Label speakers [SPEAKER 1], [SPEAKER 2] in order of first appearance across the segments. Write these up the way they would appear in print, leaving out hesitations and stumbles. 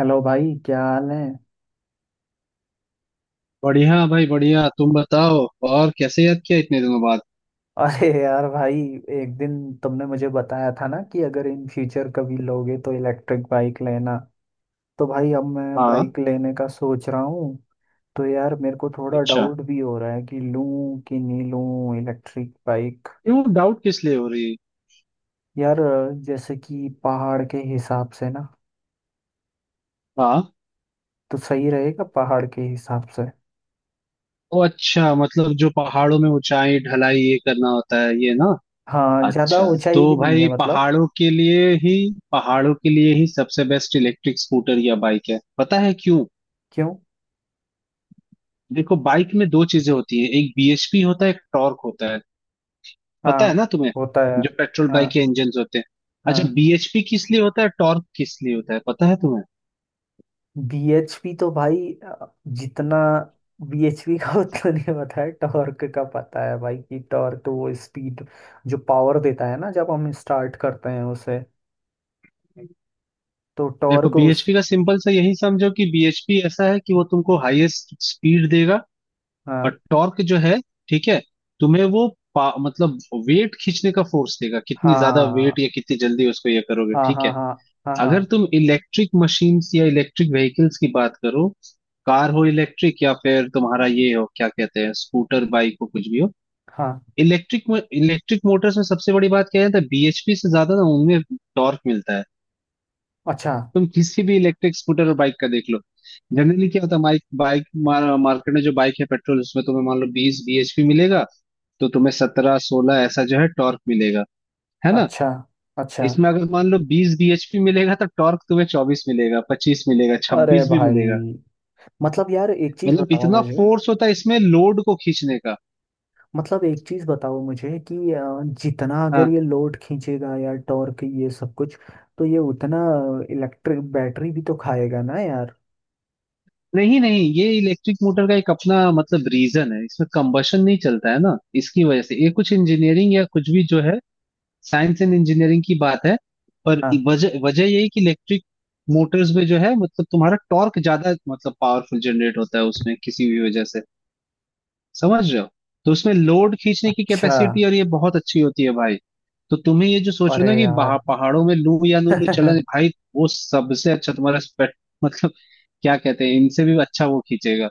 [SPEAKER 1] Hello भाई क्या हाल है
[SPEAKER 2] बढ़िया भाई बढ़िया, तुम बताओ। और कैसे याद किया इतने दिनों बाद?
[SPEAKER 1] अरे यार भाई, एक दिन तुमने मुझे बताया था ना कि अगर इन फ्यूचर कभी लोगे तो इलेक्ट्रिक बाइक लेना। तो भाई अब मैं
[SPEAKER 2] हाँ।
[SPEAKER 1] बाइक लेने का सोच रहा हूँ। तो यार मेरे को थोड़ा
[SPEAKER 2] अच्छा।
[SPEAKER 1] डाउट भी हो रहा है कि लूँ कि नहीं लूँ इलेक्ट्रिक बाइक।
[SPEAKER 2] क्यों? डाउट किस लिए हो रही है?
[SPEAKER 1] यार जैसे कि पहाड़ के हिसाब से ना,
[SPEAKER 2] हाँ।
[SPEAKER 1] तो सही रहेगा पहाड़ के हिसाब से।
[SPEAKER 2] ओ अच्छा, मतलब जो पहाड़ों में ऊंचाई ढलाई ये करना होता है ये ना?
[SPEAKER 1] हाँ, ज़्यादा
[SPEAKER 2] अच्छा।
[SPEAKER 1] ऊंचाई
[SPEAKER 2] तो
[SPEAKER 1] भी नहीं
[SPEAKER 2] भाई
[SPEAKER 1] है मतलब।
[SPEAKER 2] पहाड़ों के लिए ही सबसे बेस्ट इलेक्ट्रिक स्कूटर या बाइक है, पता है क्यों?
[SPEAKER 1] क्यों।
[SPEAKER 2] देखो, बाइक में दो चीजें होती है। एक BHP होता है, एक टॉर्क होता है। पता है
[SPEAKER 1] हाँ
[SPEAKER 2] ना तुम्हें?
[SPEAKER 1] होता है।
[SPEAKER 2] जो पेट्रोल
[SPEAKER 1] हाँ
[SPEAKER 2] बाइक के इंजन होते हैं। अच्छा,
[SPEAKER 1] हाँ।
[SPEAKER 2] BHP किस लिए होता है, टॉर्क किस लिए होता है, पता है तुम्हें?
[SPEAKER 1] बीएचपी तो भाई, अ, जितना बीएचपी का उतना नहीं पता है। टॉर्क का पता है भाई कि टॉर्क वो स्पीड जो पावर देता है ना जब हम स्टार्ट करते हैं उसे, तो
[SPEAKER 2] देखो,
[SPEAKER 1] टॉर्क उस।
[SPEAKER 2] बीएचपी का सिंपल सा यही समझो कि BHP ऐसा है कि वो तुमको हाईएस्ट स्पीड देगा।
[SPEAKER 1] हाँ
[SPEAKER 2] और टॉर्क जो है, ठीक है, तुम्हें वो मतलब वेट खींचने का फोर्स देगा, कितनी ज्यादा वेट
[SPEAKER 1] हाँ
[SPEAKER 2] या कितनी जल्दी उसको ये करोगे,
[SPEAKER 1] हाँ
[SPEAKER 2] ठीक
[SPEAKER 1] हाँ।
[SPEAKER 2] है?
[SPEAKER 1] हाँ हाँ हाँ
[SPEAKER 2] अगर तुम इलेक्ट्रिक मशीन्स या इलेक्ट्रिक व्हीकल्स की बात करो, कार हो इलेक्ट्रिक या फिर तुम्हारा ये हो, क्या कहते हैं, स्कूटर बाइक हो कुछ भी हो।
[SPEAKER 1] हाँ।
[SPEAKER 2] इलेक्ट्रिक इलेक्ट्रिक मोटर्स में सबसे बड़ी बात क्या है, बीएचपी से ज्यादा ना उनमें टॉर्क मिलता है।
[SPEAKER 1] अच्छा
[SPEAKER 2] तुम किसी भी इलेक्ट्रिक स्कूटर और बाइक का देख लो। जनरली क्या होता है, हमारी बाइक मार्केट में जो बाइक है पेट्रोल, उसमें तुम्हें मान लो 20 BHP मिलेगा, तो तुम्हें 17, 16 ऐसा जो है टॉर्क मिलेगा, है ना?
[SPEAKER 1] अच्छा अच्छा।
[SPEAKER 2] इसमें अगर मान लो बीस bhp मिलेगा तो टॉर्क तुम्हें 24 मिलेगा, 25 मिलेगा,
[SPEAKER 1] अरे
[SPEAKER 2] 26 भी
[SPEAKER 1] भाई,
[SPEAKER 2] मिलेगा।
[SPEAKER 1] मतलब यार एक चीज
[SPEAKER 2] मतलब
[SPEAKER 1] बताओ
[SPEAKER 2] इतना
[SPEAKER 1] मुझे।
[SPEAKER 2] फोर्स होता है इसमें लोड को खींचने का।
[SPEAKER 1] मतलब एक चीज बताओ मुझे कि जितना अगर
[SPEAKER 2] हाँ।
[SPEAKER 1] ये लोड खींचेगा या टॉर्क ये सब कुछ, तो ये उतना इलेक्ट्रिक बैटरी भी तो खाएगा ना यार।
[SPEAKER 2] नहीं नहीं, ये इलेक्ट्रिक मोटर का एक अपना मतलब रीजन है, इसमें कंबशन नहीं चलता है ना। इसकी वजह से ये कुछ इंजीनियरिंग या कुछ भी जो है, साइंस एंड इंजीनियरिंग की बात है। पर
[SPEAKER 1] हाँ।
[SPEAKER 2] वजह वजह यही कि इलेक्ट्रिक मोटर्स में जो है मतलब तुम्हारा टॉर्क ज्यादा मतलब पावरफुल जनरेट होता है उसमें, किसी भी वजह से। समझ रहे हो? तो उसमें लोड खींचने की
[SPEAKER 1] अच्छा।
[SPEAKER 2] कैपेसिटी और ये बहुत अच्छी होती है भाई। तो तुम्हें ये जो सोच रहे
[SPEAKER 1] अरे
[SPEAKER 2] हो ना कि
[SPEAKER 1] यार
[SPEAKER 2] बाहर पहाड़ों में लू या नू लू चलन भाई, वो सबसे अच्छा तुम्हारा स्पेक्ट मतलब, क्या कहते हैं, इनसे भी अच्छा वो खींचेगा।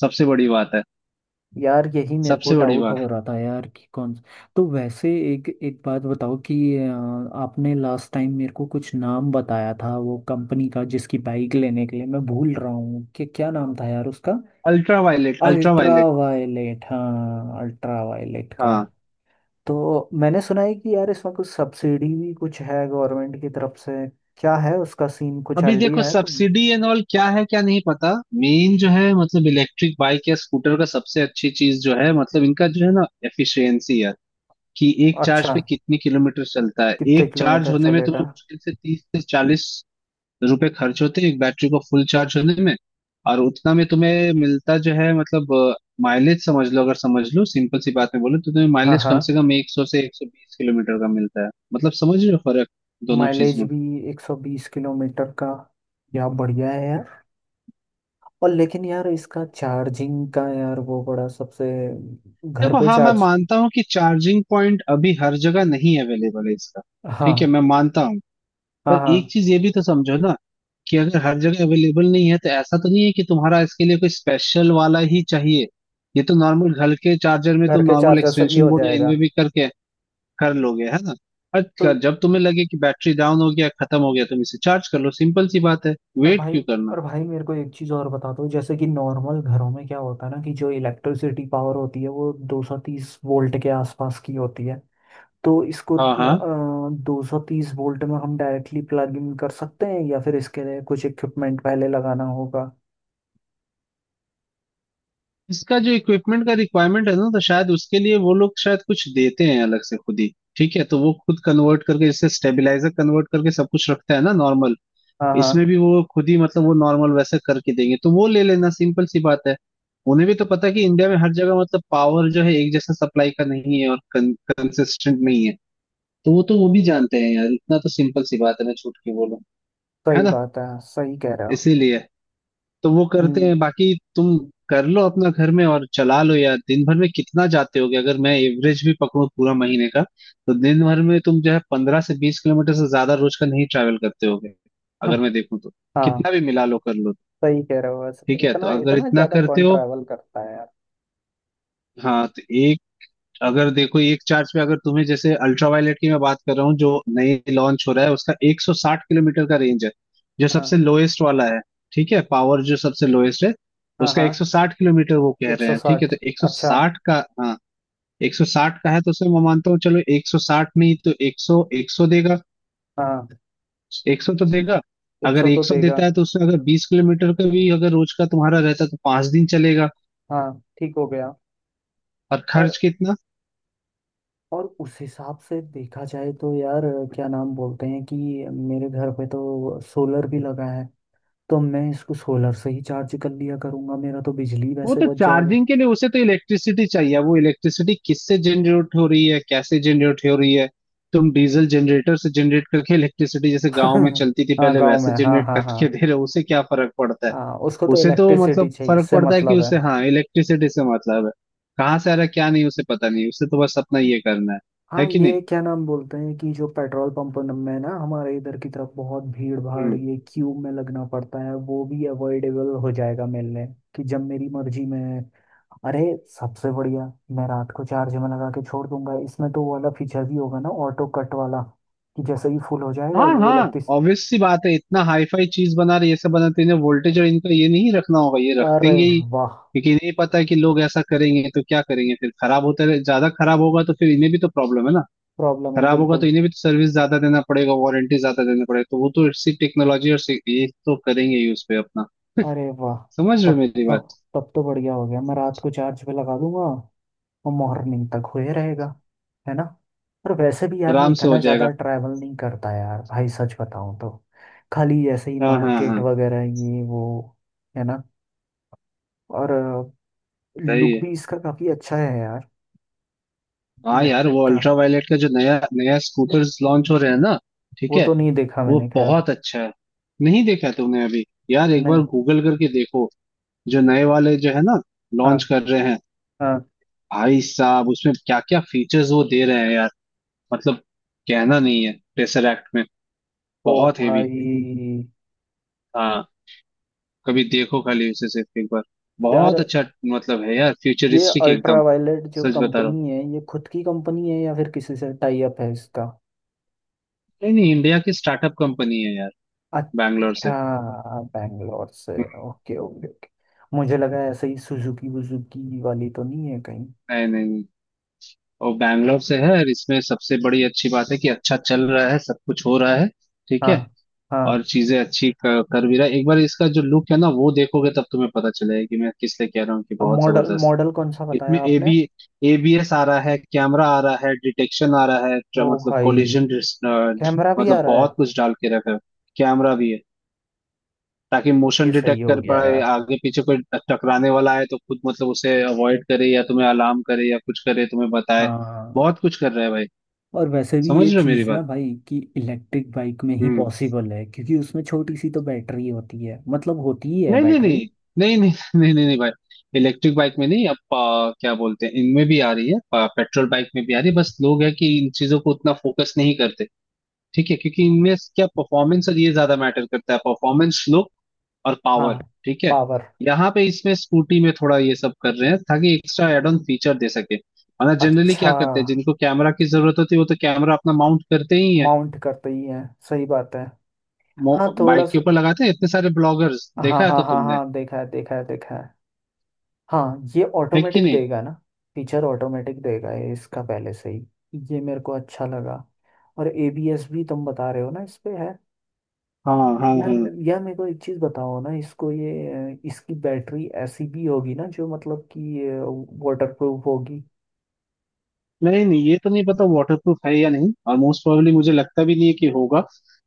[SPEAKER 2] सबसे बड़ी बात है।
[SPEAKER 1] यार यही मेरे को
[SPEAKER 2] सबसे बड़ी
[SPEAKER 1] डाउट
[SPEAKER 2] बात।
[SPEAKER 1] हो रहा था यार कि कौन। तो वैसे एक एक बात बताओ कि आपने लास्ट टाइम मेरे को कुछ नाम बताया था वो कंपनी का जिसकी बाइक लेने के लिए, मैं भूल रहा हूँ कि क्या नाम था यार उसका।
[SPEAKER 2] Ultra Violet, Ultra
[SPEAKER 1] Ultra
[SPEAKER 2] Violet.
[SPEAKER 1] Violet, हाँ अल्ट्रा वायलेट का।
[SPEAKER 2] हाँ।
[SPEAKER 1] तो मैंने सुना है कि यार इसमें कुछ सब्सिडी भी कुछ है गवर्नमेंट की तरफ से। क्या है उसका सीन, कुछ
[SPEAKER 2] अभी देखो
[SPEAKER 1] आइडिया है तुम्हें।
[SPEAKER 2] सब्सिडी एंड ऑल क्या है क्या नहीं पता। मेन जो है मतलब इलेक्ट्रिक बाइक या स्कूटर का सबसे अच्छी चीज जो है मतलब इनका जो है ना, एफिशिएंसी यार। कि एक चार्ज
[SPEAKER 1] अच्छा,
[SPEAKER 2] पे कितनी किलोमीटर चलता है,
[SPEAKER 1] कितने
[SPEAKER 2] एक चार्ज
[SPEAKER 1] किलोमीटर
[SPEAKER 2] होने में तुम्हें
[SPEAKER 1] चलेगा।
[SPEAKER 2] मुश्किल से 30 से 40 रुपए खर्च होते हैं एक बैटरी को फुल चार्ज होने में। और उतना में तुम्हें मिलता जो है मतलब माइलेज समझ लो, अगर समझ लो सिंपल सी बात में बोलो तो तुम्हें
[SPEAKER 1] हाँ
[SPEAKER 2] माइलेज कम
[SPEAKER 1] हाँ।
[SPEAKER 2] से कम 100 से 120 किलोमीटर का मिलता है, मतलब समझ रहे हो फर्क, दोनों चीज।
[SPEAKER 1] माइलेज भी 120 किलोमीटर का, या बढ़िया है यार। और लेकिन यार इसका चार्जिंग का यार वो बड़ा सबसे, घर
[SPEAKER 2] देखो
[SPEAKER 1] पे
[SPEAKER 2] हाँ, मैं
[SPEAKER 1] चार्ज।
[SPEAKER 2] मानता हूँ कि चार्जिंग पॉइंट अभी हर जगह नहीं अवेलेबल है इसका।
[SPEAKER 1] हाँ
[SPEAKER 2] ठीक है, मैं मानता हूँ।
[SPEAKER 1] हाँ
[SPEAKER 2] पर एक
[SPEAKER 1] हाँ,
[SPEAKER 2] चीज ये भी तो समझो ना कि अगर हर जगह अवेलेबल नहीं है तो ऐसा तो नहीं है कि तुम्हारा इसके लिए कोई स्पेशल वाला ही चाहिए। ये तो नॉर्मल घर के चार्जर में
[SPEAKER 1] घर
[SPEAKER 2] तुम
[SPEAKER 1] के
[SPEAKER 2] नॉर्मल
[SPEAKER 1] चार्जर से भी
[SPEAKER 2] एक्सटेंशन
[SPEAKER 1] हो
[SPEAKER 2] बोर्ड या इनमें
[SPEAKER 1] जाएगा।
[SPEAKER 2] भी करके कर लोगे, है ना? और
[SPEAKER 1] तो,
[SPEAKER 2] जब तुम्हें लगे कि बैटरी डाउन हो गया, खत्म हो गया, तुम इसे चार्ज कर लो, सिंपल सी बात है।
[SPEAKER 1] पर
[SPEAKER 2] वेट
[SPEAKER 1] भाई,
[SPEAKER 2] क्यों करना?
[SPEAKER 1] पर भाई मेरे को एक चीज़ और बता दो, जैसे कि नॉर्मल घरों में क्या होता है ना कि जो इलेक्ट्रिसिटी पावर होती है वो 230 वोल्ट के आसपास की होती है। तो इसको
[SPEAKER 2] हाँ हाँ,
[SPEAKER 1] 230 वोल्ट में हम डायरेक्टली प्लग इन कर सकते हैं या फिर इसके लिए कुछ इक्विपमेंट पहले लगाना होगा।
[SPEAKER 2] इसका जो इक्विपमेंट का रिक्वायरमेंट है ना, तो शायद उसके लिए वो लोग शायद कुछ देते हैं अलग से खुद ही। ठीक है, तो वो खुद कन्वर्ट करके, जैसे स्टेबलाइजर कन्वर्ट करके सब कुछ रखता है ना नॉर्मल,
[SPEAKER 1] हाँ
[SPEAKER 2] इसमें
[SPEAKER 1] हाँ।
[SPEAKER 2] भी वो खुद ही मतलब वो नॉर्मल वैसे करके देंगे, तो वो ले लेना, सिंपल सी बात है। उन्हें भी तो पता है कि इंडिया में हर जगह मतलब पावर जो है एक जैसा सप्लाई का नहीं है और कंसिस्टेंट नहीं है। तो वो भी जानते हैं यार, इतना तो सिंपल सी बात है, मैं छूट के बोलूं। है
[SPEAKER 1] सही
[SPEAKER 2] ना?
[SPEAKER 1] बात है, सही कह रहे हो।
[SPEAKER 2] इसीलिए तो वो करते
[SPEAKER 1] हम्म।
[SPEAKER 2] हैं, बाकी तुम कर लो अपना घर में और चला लो। यार दिन भर में कितना जाते होगे, अगर मैं एवरेज भी पकड़ूं पूरा महीने का, तो दिन भर में तुम जो है 15 से 20 किलोमीटर से ज्यादा रोज का नहीं ट्रैवल करते होगे, अगर मैं देखूं तो।
[SPEAKER 1] हाँ,
[SPEAKER 2] कितना भी मिला लो, कर लो।
[SPEAKER 1] सही कह रहे हो, बस
[SPEAKER 2] ठीक है, तो
[SPEAKER 1] इतना,
[SPEAKER 2] अगर
[SPEAKER 1] इतना
[SPEAKER 2] इतना
[SPEAKER 1] ज़्यादा
[SPEAKER 2] करते
[SPEAKER 1] कौन
[SPEAKER 2] हो।
[SPEAKER 1] ट्रैवल करता है यार।
[SPEAKER 2] हाँ तो अगर देखो एक चार्ज पे, अगर तुम्हें जैसे अल्ट्रावायलेट की मैं बात कर रहा हूँ जो नई लॉन्च हो रहा है, उसका 160 किलोमीटर का रेंज है, जो
[SPEAKER 1] हाँ
[SPEAKER 2] सबसे लोएस्ट वाला है। ठीक है, पावर जो सबसे लोएस्ट है
[SPEAKER 1] हाँ
[SPEAKER 2] उसका
[SPEAKER 1] हाँ।
[SPEAKER 2] 160 किलोमीटर वो कह
[SPEAKER 1] एक
[SPEAKER 2] रहे
[SPEAKER 1] सौ
[SPEAKER 2] हैं, ठीक है
[SPEAKER 1] साठ,
[SPEAKER 2] तो
[SPEAKER 1] अच्छा।
[SPEAKER 2] 160 का। हाँ, 160 का है तो उसमें मैं मानता हूँ चलो 160 नहीं तो 100, 100 देगा।
[SPEAKER 1] हाँ,
[SPEAKER 2] 100 तो देगा।
[SPEAKER 1] एक
[SPEAKER 2] अगर
[SPEAKER 1] सौ तो
[SPEAKER 2] 100
[SPEAKER 1] देगा।
[SPEAKER 2] देता है तो उसमें अगर 20 किलोमीटर का भी अगर रोज का तुम्हारा रहता है तो 5 दिन चलेगा।
[SPEAKER 1] हाँ ठीक हो गया।
[SPEAKER 2] और
[SPEAKER 1] और
[SPEAKER 2] खर्च कितना।
[SPEAKER 1] और उस हिसाब से देखा जाए तो यार, क्या नाम बोलते हैं कि मेरे घर पे तो सोलर भी लगा है, तो मैं इसको सोलर से ही चार्ज कर लिया करूंगा, मेरा तो बिजली
[SPEAKER 2] वो
[SPEAKER 1] वैसे
[SPEAKER 2] तो
[SPEAKER 1] बच जाएगा।
[SPEAKER 2] चार्जिंग के लिए उसे तो इलेक्ट्रिसिटी चाहिए, वो इलेक्ट्रिसिटी किससे जनरेट हो रही है, कैसे जनरेट हो रही है। तुम डीजल जनरेटर से जनरेट करके इलेक्ट्रिसिटी, जैसे गांव में चलती थी
[SPEAKER 1] हाँ
[SPEAKER 2] पहले
[SPEAKER 1] गांव में,
[SPEAKER 2] वैसे
[SPEAKER 1] हाँ
[SPEAKER 2] जनरेट
[SPEAKER 1] हाँ
[SPEAKER 2] करके
[SPEAKER 1] हाँ।
[SPEAKER 2] दे रहे हो, उसे क्या फर्क पड़ता है?
[SPEAKER 1] हाँ, उसको तो
[SPEAKER 2] उसे तो
[SPEAKER 1] इलेक्ट्रिसिटी
[SPEAKER 2] मतलब
[SPEAKER 1] चाहिए,
[SPEAKER 2] फर्क
[SPEAKER 1] इससे
[SPEAKER 2] पड़ता है कि
[SPEAKER 1] मतलब है।
[SPEAKER 2] उसे, हाँ, इलेक्ट्रिसिटी से मतलब है, कहाँ से आ रहा है क्या नहीं उसे पता नहीं, उसे तो बस अपना ये करना है। है
[SPEAKER 1] हाँ,
[SPEAKER 2] कि नहीं?
[SPEAKER 1] ये क्या नाम बोलते हैं कि जो पेट्रोल पंप में ना हमारे इधर की तरफ बहुत भीड़ भाड़
[SPEAKER 2] हम्म।
[SPEAKER 1] ये क्यू में लगना पड़ता है, वो भी अवॉइडेबल हो जाएगा मिलने, कि जब मेरी मर्जी में। अरे सबसे बढ़िया, मैं रात को चार्ज में लगा के छोड़ दूंगा। इसमें तो वो वाला फीचर भी होगा ना, ऑटो कट वाला, कि जैसे ही फुल हो जाएगा
[SPEAKER 2] हाँ
[SPEAKER 1] ये
[SPEAKER 2] हाँ,
[SPEAKER 1] इलेक्ट्रिस।
[SPEAKER 2] ऑब्वियस सी बात है, इतना हाई फाई चीज बना रही है ये, सब बना रही है वोल्टेज और इनका, ये नहीं रखना होगा, ये रख
[SPEAKER 1] अरे
[SPEAKER 2] देंगे ही
[SPEAKER 1] वाह,
[SPEAKER 2] क्योंकि इन्हें पता है कि लोग ऐसा करेंगे तो क्या करेंगे, फिर खराब होता रहे, ज्यादा खराब होगा तो फिर इन्हें भी तो प्रॉब्लम है ना।
[SPEAKER 1] प्रॉब्लम है
[SPEAKER 2] खराब होगा तो
[SPEAKER 1] बिल्कुल।
[SPEAKER 2] इन्हें भी तो सर्विस ज्यादा देना पड़ेगा, वारंटी ज्यादा देना पड़ेगा, तो वो तो इसी टेक्नोलॉजी और ये तो करेंगे ही उस पे अपना।
[SPEAKER 1] अरे वाह,
[SPEAKER 2] समझ रहे
[SPEAKER 1] तब
[SPEAKER 2] हो मेरी
[SPEAKER 1] तब
[SPEAKER 2] बात?
[SPEAKER 1] तब तो बढ़िया हो गया, मैं रात को चार्ज पे लगा दूंगा और मॉर्निंग तक हुए रहेगा, है ना। और वैसे भी यार मैं
[SPEAKER 2] आराम से हो
[SPEAKER 1] इतना
[SPEAKER 2] जाएगा।
[SPEAKER 1] ज़्यादा ट्रैवल नहीं करता यार भाई सच बताऊँ तो, खाली ऐसे ही
[SPEAKER 2] हाँ हाँ
[SPEAKER 1] मार्केट
[SPEAKER 2] हाँ।
[SPEAKER 1] वगैरह ये वो, है ना। और
[SPEAKER 2] सही
[SPEAKER 1] लुक
[SPEAKER 2] है।
[SPEAKER 1] भी इसका काफ़ी अच्छा है यार।
[SPEAKER 2] हाँ यार,
[SPEAKER 1] इलेक्ट्रिक
[SPEAKER 2] वो
[SPEAKER 1] का
[SPEAKER 2] अल्ट्रा वायलेट का जो नया नया स्कूटर्स लॉन्च हो रहे हैं ना, ठीक
[SPEAKER 1] वो
[SPEAKER 2] है,
[SPEAKER 1] तो नहीं देखा
[SPEAKER 2] वो
[SPEAKER 1] मैंने, खैर।
[SPEAKER 2] बहुत अच्छा है। नहीं देखा तुमने अभी? यार एक बार
[SPEAKER 1] नहीं।
[SPEAKER 2] गूगल करके देखो, जो नए वाले जो है ना, लॉन्च
[SPEAKER 1] हाँ
[SPEAKER 2] कर रहे हैं।
[SPEAKER 1] हाँ।
[SPEAKER 2] भाई साहब, उसमें क्या क्या फीचर्स वो दे रहे हैं यार, मतलब कहना नहीं है, टेसरैक्ट में
[SPEAKER 1] ओ
[SPEAKER 2] बहुत हेवी।
[SPEAKER 1] भाई।
[SPEAKER 2] हाँ, कभी देखो खाली उसे सिर्फ एक बार।
[SPEAKER 1] यार
[SPEAKER 2] बहुत अच्छा। मतलब है यार,
[SPEAKER 1] ये
[SPEAKER 2] फ्यूचरिस्टिक
[SPEAKER 1] अल्ट्रा
[SPEAKER 2] एकदम।
[SPEAKER 1] वायलेट जो
[SPEAKER 2] सच बता रहा हूँ।
[SPEAKER 1] कंपनी है ये खुद की कंपनी है या फिर किसी से टाई अप है इसका।
[SPEAKER 2] नहीं नहीं, इंडिया की स्टार्टअप कंपनी है यार, बैंगलोर
[SPEAKER 1] अच्छा।
[SPEAKER 2] से।
[SPEAKER 1] बैंगलोर से।
[SPEAKER 2] हम्म।
[SPEAKER 1] ओके ओके ओके, मुझे लगा ऐसे ही सुजुकी वुजुकी वाली तो नहीं है कहीं।
[SPEAKER 2] नहीं नहीं नहीं। और बैंगलोर से है, और इसमें सबसे बड़ी अच्छी बात है कि अच्छा चल रहा है, सब कुछ हो रहा है, ठीक
[SPEAKER 1] हाँ
[SPEAKER 2] है। और
[SPEAKER 1] हाँ।
[SPEAKER 2] चीजें अच्छी कर भी रहा है, एक बार इसका जो लुक है ना वो देखोगे तब तुम्हें पता चलेगा कि मैं किस लिए कह रहा हूँ कि
[SPEAKER 1] अब
[SPEAKER 2] बहुत
[SPEAKER 1] मॉडल
[SPEAKER 2] जबरदस्त
[SPEAKER 1] मॉडल कौन सा
[SPEAKER 2] है। इसमें
[SPEAKER 1] बताया आपने।
[SPEAKER 2] ABS आ रहा है, कैमरा आ रहा है, डिटेक्शन आ रहा है,
[SPEAKER 1] ओ
[SPEAKER 2] मतलब
[SPEAKER 1] भाई,
[SPEAKER 2] कोलिजन,
[SPEAKER 1] कैमरा भी आ
[SPEAKER 2] मतलब
[SPEAKER 1] रहा है।
[SPEAKER 2] बहुत कुछ डाल के रखा है। कैमरा भी है, ताकि मोशन
[SPEAKER 1] ये सही
[SPEAKER 2] डिटेक्ट
[SPEAKER 1] हो
[SPEAKER 2] कर
[SPEAKER 1] गया
[SPEAKER 2] पाए
[SPEAKER 1] यार।
[SPEAKER 2] आगे पीछे कोई टकराने वाला है तो खुद मतलब उसे अवॉइड करे या तुम्हें अलार्म करे या कुछ करे, तुम्हें बताए।
[SPEAKER 1] हाँ,
[SPEAKER 2] बहुत कुछ कर रहा है भाई।
[SPEAKER 1] और वैसे भी
[SPEAKER 2] समझ
[SPEAKER 1] ये
[SPEAKER 2] रहे हो मेरी
[SPEAKER 1] चीज़ ना
[SPEAKER 2] बात?
[SPEAKER 1] भाई कि इलेक्ट्रिक बाइक में ही
[SPEAKER 2] हम्म।
[SPEAKER 1] पॉसिबल है, क्योंकि उसमें छोटी सी तो बैटरी होती है, मतलब होती ही है
[SPEAKER 2] नहीं नहीं
[SPEAKER 1] बैटरी।
[SPEAKER 2] नहीं। नहीं नहीं नहीं नहीं नहीं भाई। इलेक्ट्रिक बाइक में नहीं, अब क्या बोलते हैं, इनमें भी आ रही है। पेट्रोल बाइक में भी आ रही है, बस लोग है कि इन चीजों को उतना फोकस नहीं करते, ठीक है, क्योंकि इनमें क्या परफॉर्मेंस और ये ज्यादा मैटर करता है, परफॉर्मेंस लुक और पावर,
[SPEAKER 1] हाँ।
[SPEAKER 2] ठीक है।
[SPEAKER 1] पावर
[SPEAKER 2] यहाँ पे इसमें स्कूटी में थोड़ा ये सब कर रहे हैं ताकि एक्स्ट्रा एड ऑन फीचर दे सके, वरना जनरली
[SPEAKER 1] अच्छा।
[SPEAKER 2] क्या करते हैं, जिनको कैमरा की जरूरत होती है वो तो कैमरा अपना माउंट करते ही है,
[SPEAKER 1] माउंट करते ही हैं, सही बात है। हाँ थोड़ा
[SPEAKER 2] बाइक के
[SPEAKER 1] सा।
[SPEAKER 2] ऊपर लगाते हैं, इतने सारे ब्लॉगर्स
[SPEAKER 1] हाँ
[SPEAKER 2] देखा है
[SPEAKER 1] हाँ
[SPEAKER 2] तो
[SPEAKER 1] हाँ
[SPEAKER 2] तुमने।
[SPEAKER 1] हाँ, देखा है देखा है देखा है। हाँ, ये
[SPEAKER 2] है कि
[SPEAKER 1] ऑटोमेटिक
[SPEAKER 2] नहीं?
[SPEAKER 1] देगा ना, फीचर ऑटोमेटिक देगा ये इसका पहले से ही, ये मेरे को अच्छा लगा। और एबीएस भी तुम बता रहे हो ना इस पे है।
[SPEAKER 2] हाँ हाँ हाँ।
[SPEAKER 1] यार मेरे को एक चीज़ बताओ ना इसको ये, इसकी बैटरी ऐसी भी होगी ना जो मतलब कि वाटर प्रूफ होगी।
[SPEAKER 2] नहीं नहीं, ये तो नहीं पता वाटरप्रूफ है या नहीं, और मोस्ट प्रोबेबली मुझे लगता भी नहीं है कि होगा।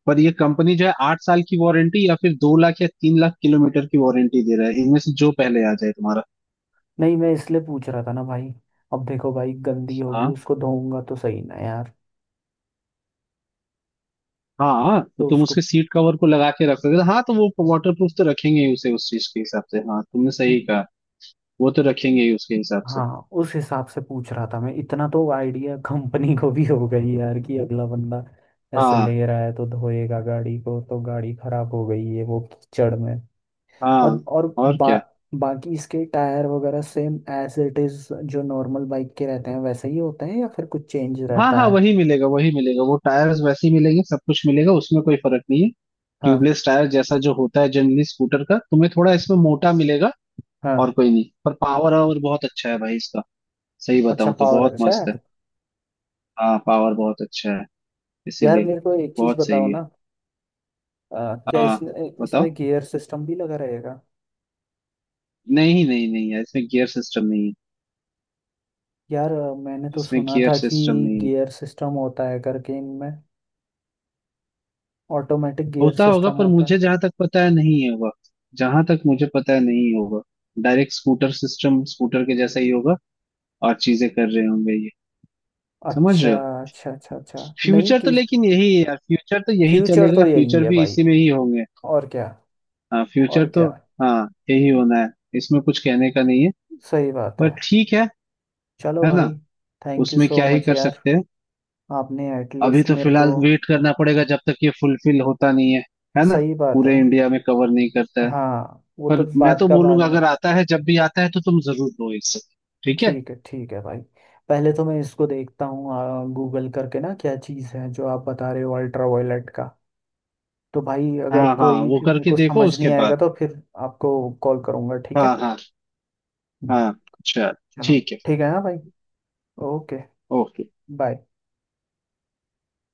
[SPEAKER 2] पर ये कंपनी जो है 8 साल की वारंटी या फिर 2 लाख या 3 लाख किलोमीटर की वारंटी दे रहा है, इनमें से जो पहले आ जाए तुम्हारा।
[SPEAKER 1] नहीं मैं इसलिए पूछ रहा था ना भाई, अब देखो भाई गंदी होगी
[SPEAKER 2] हाँ
[SPEAKER 1] उसको धोऊंगा तो सही ना यार,
[SPEAKER 2] हाँ, तो
[SPEAKER 1] तो
[SPEAKER 2] तुम
[SPEAKER 1] उसको।
[SPEAKER 2] उसके सीट कवर को लगा के रख सकते हो। हाँ तो वो वाटरप्रूफ तो रखेंगे ही उसे उस चीज के हिसाब से, हाँ तुमने सही कहा। वो तो रखेंगे ही उसके हिसाब से।
[SPEAKER 1] हाँ उस हिसाब से पूछ रहा था मैं, इतना तो आइडिया कंपनी को भी हो गई यार कि अगला बंदा ऐसे ले
[SPEAKER 2] हाँ
[SPEAKER 1] रहा है तो धोएगा गाड़ी को, तो गाड़ी खराब हो गई है वो कीचड़ में। और,
[SPEAKER 2] हाँ। और क्या।
[SPEAKER 1] बाकी इसके टायर वगैरह सेम एज इट इज, जो नॉर्मल बाइक के रहते हैं वैसे ही होते हैं या फिर कुछ चेंज
[SPEAKER 2] हाँ
[SPEAKER 1] रहता
[SPEAKER 2] हाँ,
[SPEAKER 1] है।
[SPEAKER 2] वही मिलेगा, वही मिलेगा, वो टायर्स वैसे ही मिलेंगे, सब कुछ मिलेगा, उसमें कोई फर्क नहीं है।
[SPEAKER 1] हाँ
[SPEAKER 2] ट्यूबलेस टायर जैसा जो होता है जनरली स्कूटर का, तुम्हें थोड़ा इसमें मोटा मिलेगा।
[SPEAKER 1] हाँ।
[SPEAKER 2] और कोई नहीं, पर पावर और बहुत अच्छा है भाई इसका। सही
[SPEAKER 1] अच्छा
[SPEAKER 2] बताऊं तो
[SPEAKER 1] पावर
[SPEAKER 2] बहुत
[SPEAKER 1] अच्छा है।
[SPEAKER 2] मस्त है। हाँ पावर बहुत अच्छा है।
[SPEAKER 1] यार
[SPEAKER 2] इसीलिए।
[SPEAKER 1] मेरे को एक चीज
[SPEAKER 2] बहुत
[SPEAKER 1] बताओ
[SPEAKER 2] सही है।
[SPEAKER 1] ना, क्या
[SPEAKER 2] हाँ
[SPEAKER 1] इसमें, इसमें
[SPEAKER 2] बताओ।
[SPEAKER 1] गियर सिस्टम भी लगा रहेगा।
[SPEAKER 2] नहीं नहीं नहीं यार, इसमें गियर सिस्टम नहीं है।
[SPEAKER 1] यार मैंने तो
[SPEAKER 2] इसमें
[SPEAKER 1] सुना
[SPEAKER 2] गियर
[SPEAKER 1] था कि
[SPEAKER 2] सिस्टम नहीं है।
[SPEAKER 1] गियर सिस्टम होता है करके इनमें, ऑटोमेटिक गियर
[SPEAKER 2] होता होगा
[SPEAKER 1] सिस्टम
[SPEAKER 2] पर
[SPEAKER 1] होता
[SPEAKER 2] मुझे
[SPEAKER 1] है।
[SPEAKER 2] जहां तक पता है नहीं होगा। जहां तक मुझे पता है नहीं होगा। डायरेक्ट स्कूटर सिस्टम, स्कूटर के जैसा ही होगा। और चीजें कर रहे होंगे ये। समझ
[SPEAKER 1] अच्छा
[SPEAKER 2] रहे हो?
[SPEAKER 1] अच्छा अच्छा। अच्छा। नहीं
[SPEAKER 2] फ्यूचर तो
[SPEAKER 1] कि,
[SPEAKER 2] लेकिन यही है यार, फ्यूचर तो यही
[SPEAKER 1] फ्यूचर तो
[SPEAKER 2] चलेगा,
[SPEAKER 1] यही
[SPEAKER 2] फ्यूचर
[SPEAKER 1] है
[SPEAKER 2] भी
[SPEAKER 1] भाई,
[SPEAKER 2] इसी में ही होंगे।
[SPEAKER 1] और क्या,
[SPEAKER 2] हाँ
[SPEAKER 1] और
[SPEAKER 2] फ्यूचर
[SPEAKER 1] क्या।
[SPEAKER 2] तो। हाँ यही होना है। इसमें कुछ कहने का नहीं है।
[SPEAKER 1] सही बात
[SPEAKER 2] पर
[SPEAKER 1] है।
[SPEAKER 2] ठीक है।
[SPEAKER 1] चलो
[SPEAKER 2] है ना?
[SPEAKER 1] भाई, थैंक यू
[SPEAKER 2] उसमें
[SPEAKER 1] सो
[SPEAKER 2] क्या ही
[SPEAKER 1] मच
[SPEAKER 2] कर
[SPEAKER 1] यार,
[SPEAKER 2] सकते हैं।
[SPEAKER 1] आपने
[SPEAKER 2] अभी
[SPEAKER 1] एटलीस्ट
[SPEAKER 2] तो
[SPEAKER 1] मेरे
[SPEAKER 2] फिलहाल
[SPEAKER 1] को।
[SPEAKER 2] वेट करना पड़ेगा जब तक ये फुलफिल होता नहीं है। है ना?
[SPEAKER 1] सही बात है।
[SPEAKER 2] पूरे इंडिया में कवर नहीं करता है।
[SPEAKER 1] हाँ वो तो
[SPEAKER 2] पर मैं
[SPEAKER 1] बात
[SPEAKER 2] तो
[SPEAKER 1] का बाद
[SPEAKER 2] बोलूंगा
[SPEAKER 1] में।
[SPEAKER 2] अगर आता है जब भी आता है तो तुम जरूर लो इससे। ठीक है।
[SPEAKER 1] ठीक है भाई, पहले तो मैं इसको देखता हूँ गूगल करके ना क्या चीज़ है जो आप बता रहे हो अल्ट्रा वायलेट का। तो भाई अगर
[SPEAKER 2] हाँ हाँ,
[SPEAKER 1] कोई
[SPEAKER 2] वो
[SPEAKER 1] फिर मेरे
[SPEAKER 2] करके
[SPEAKER 1] को
[SPEAKER 2] देखो
[SPEAKER 1] समझ
[SPEAKER 2] उसके
[SPEAKER 1] नहीं आएगा
[SPEAKER 2] बाद।
[SPEAKER 1] तो फिर आपको कॉल करूंगा, ठीक
[SPEAKER 2] हाँ
[SPEAKER 1] है।
[SPEAKER 2] हाँ
[SPEAKER 1] हम्म।
[SPEAKER 2] हाँ। चल।
[SPEAKER 1] चलो।
[SPEAKER 2] ठीक है।
[SPEAKER 1] ठीक है हाँ भाई। ओके।
[SPEAKER 2] ओके।
[SPEAKER 1] बाय।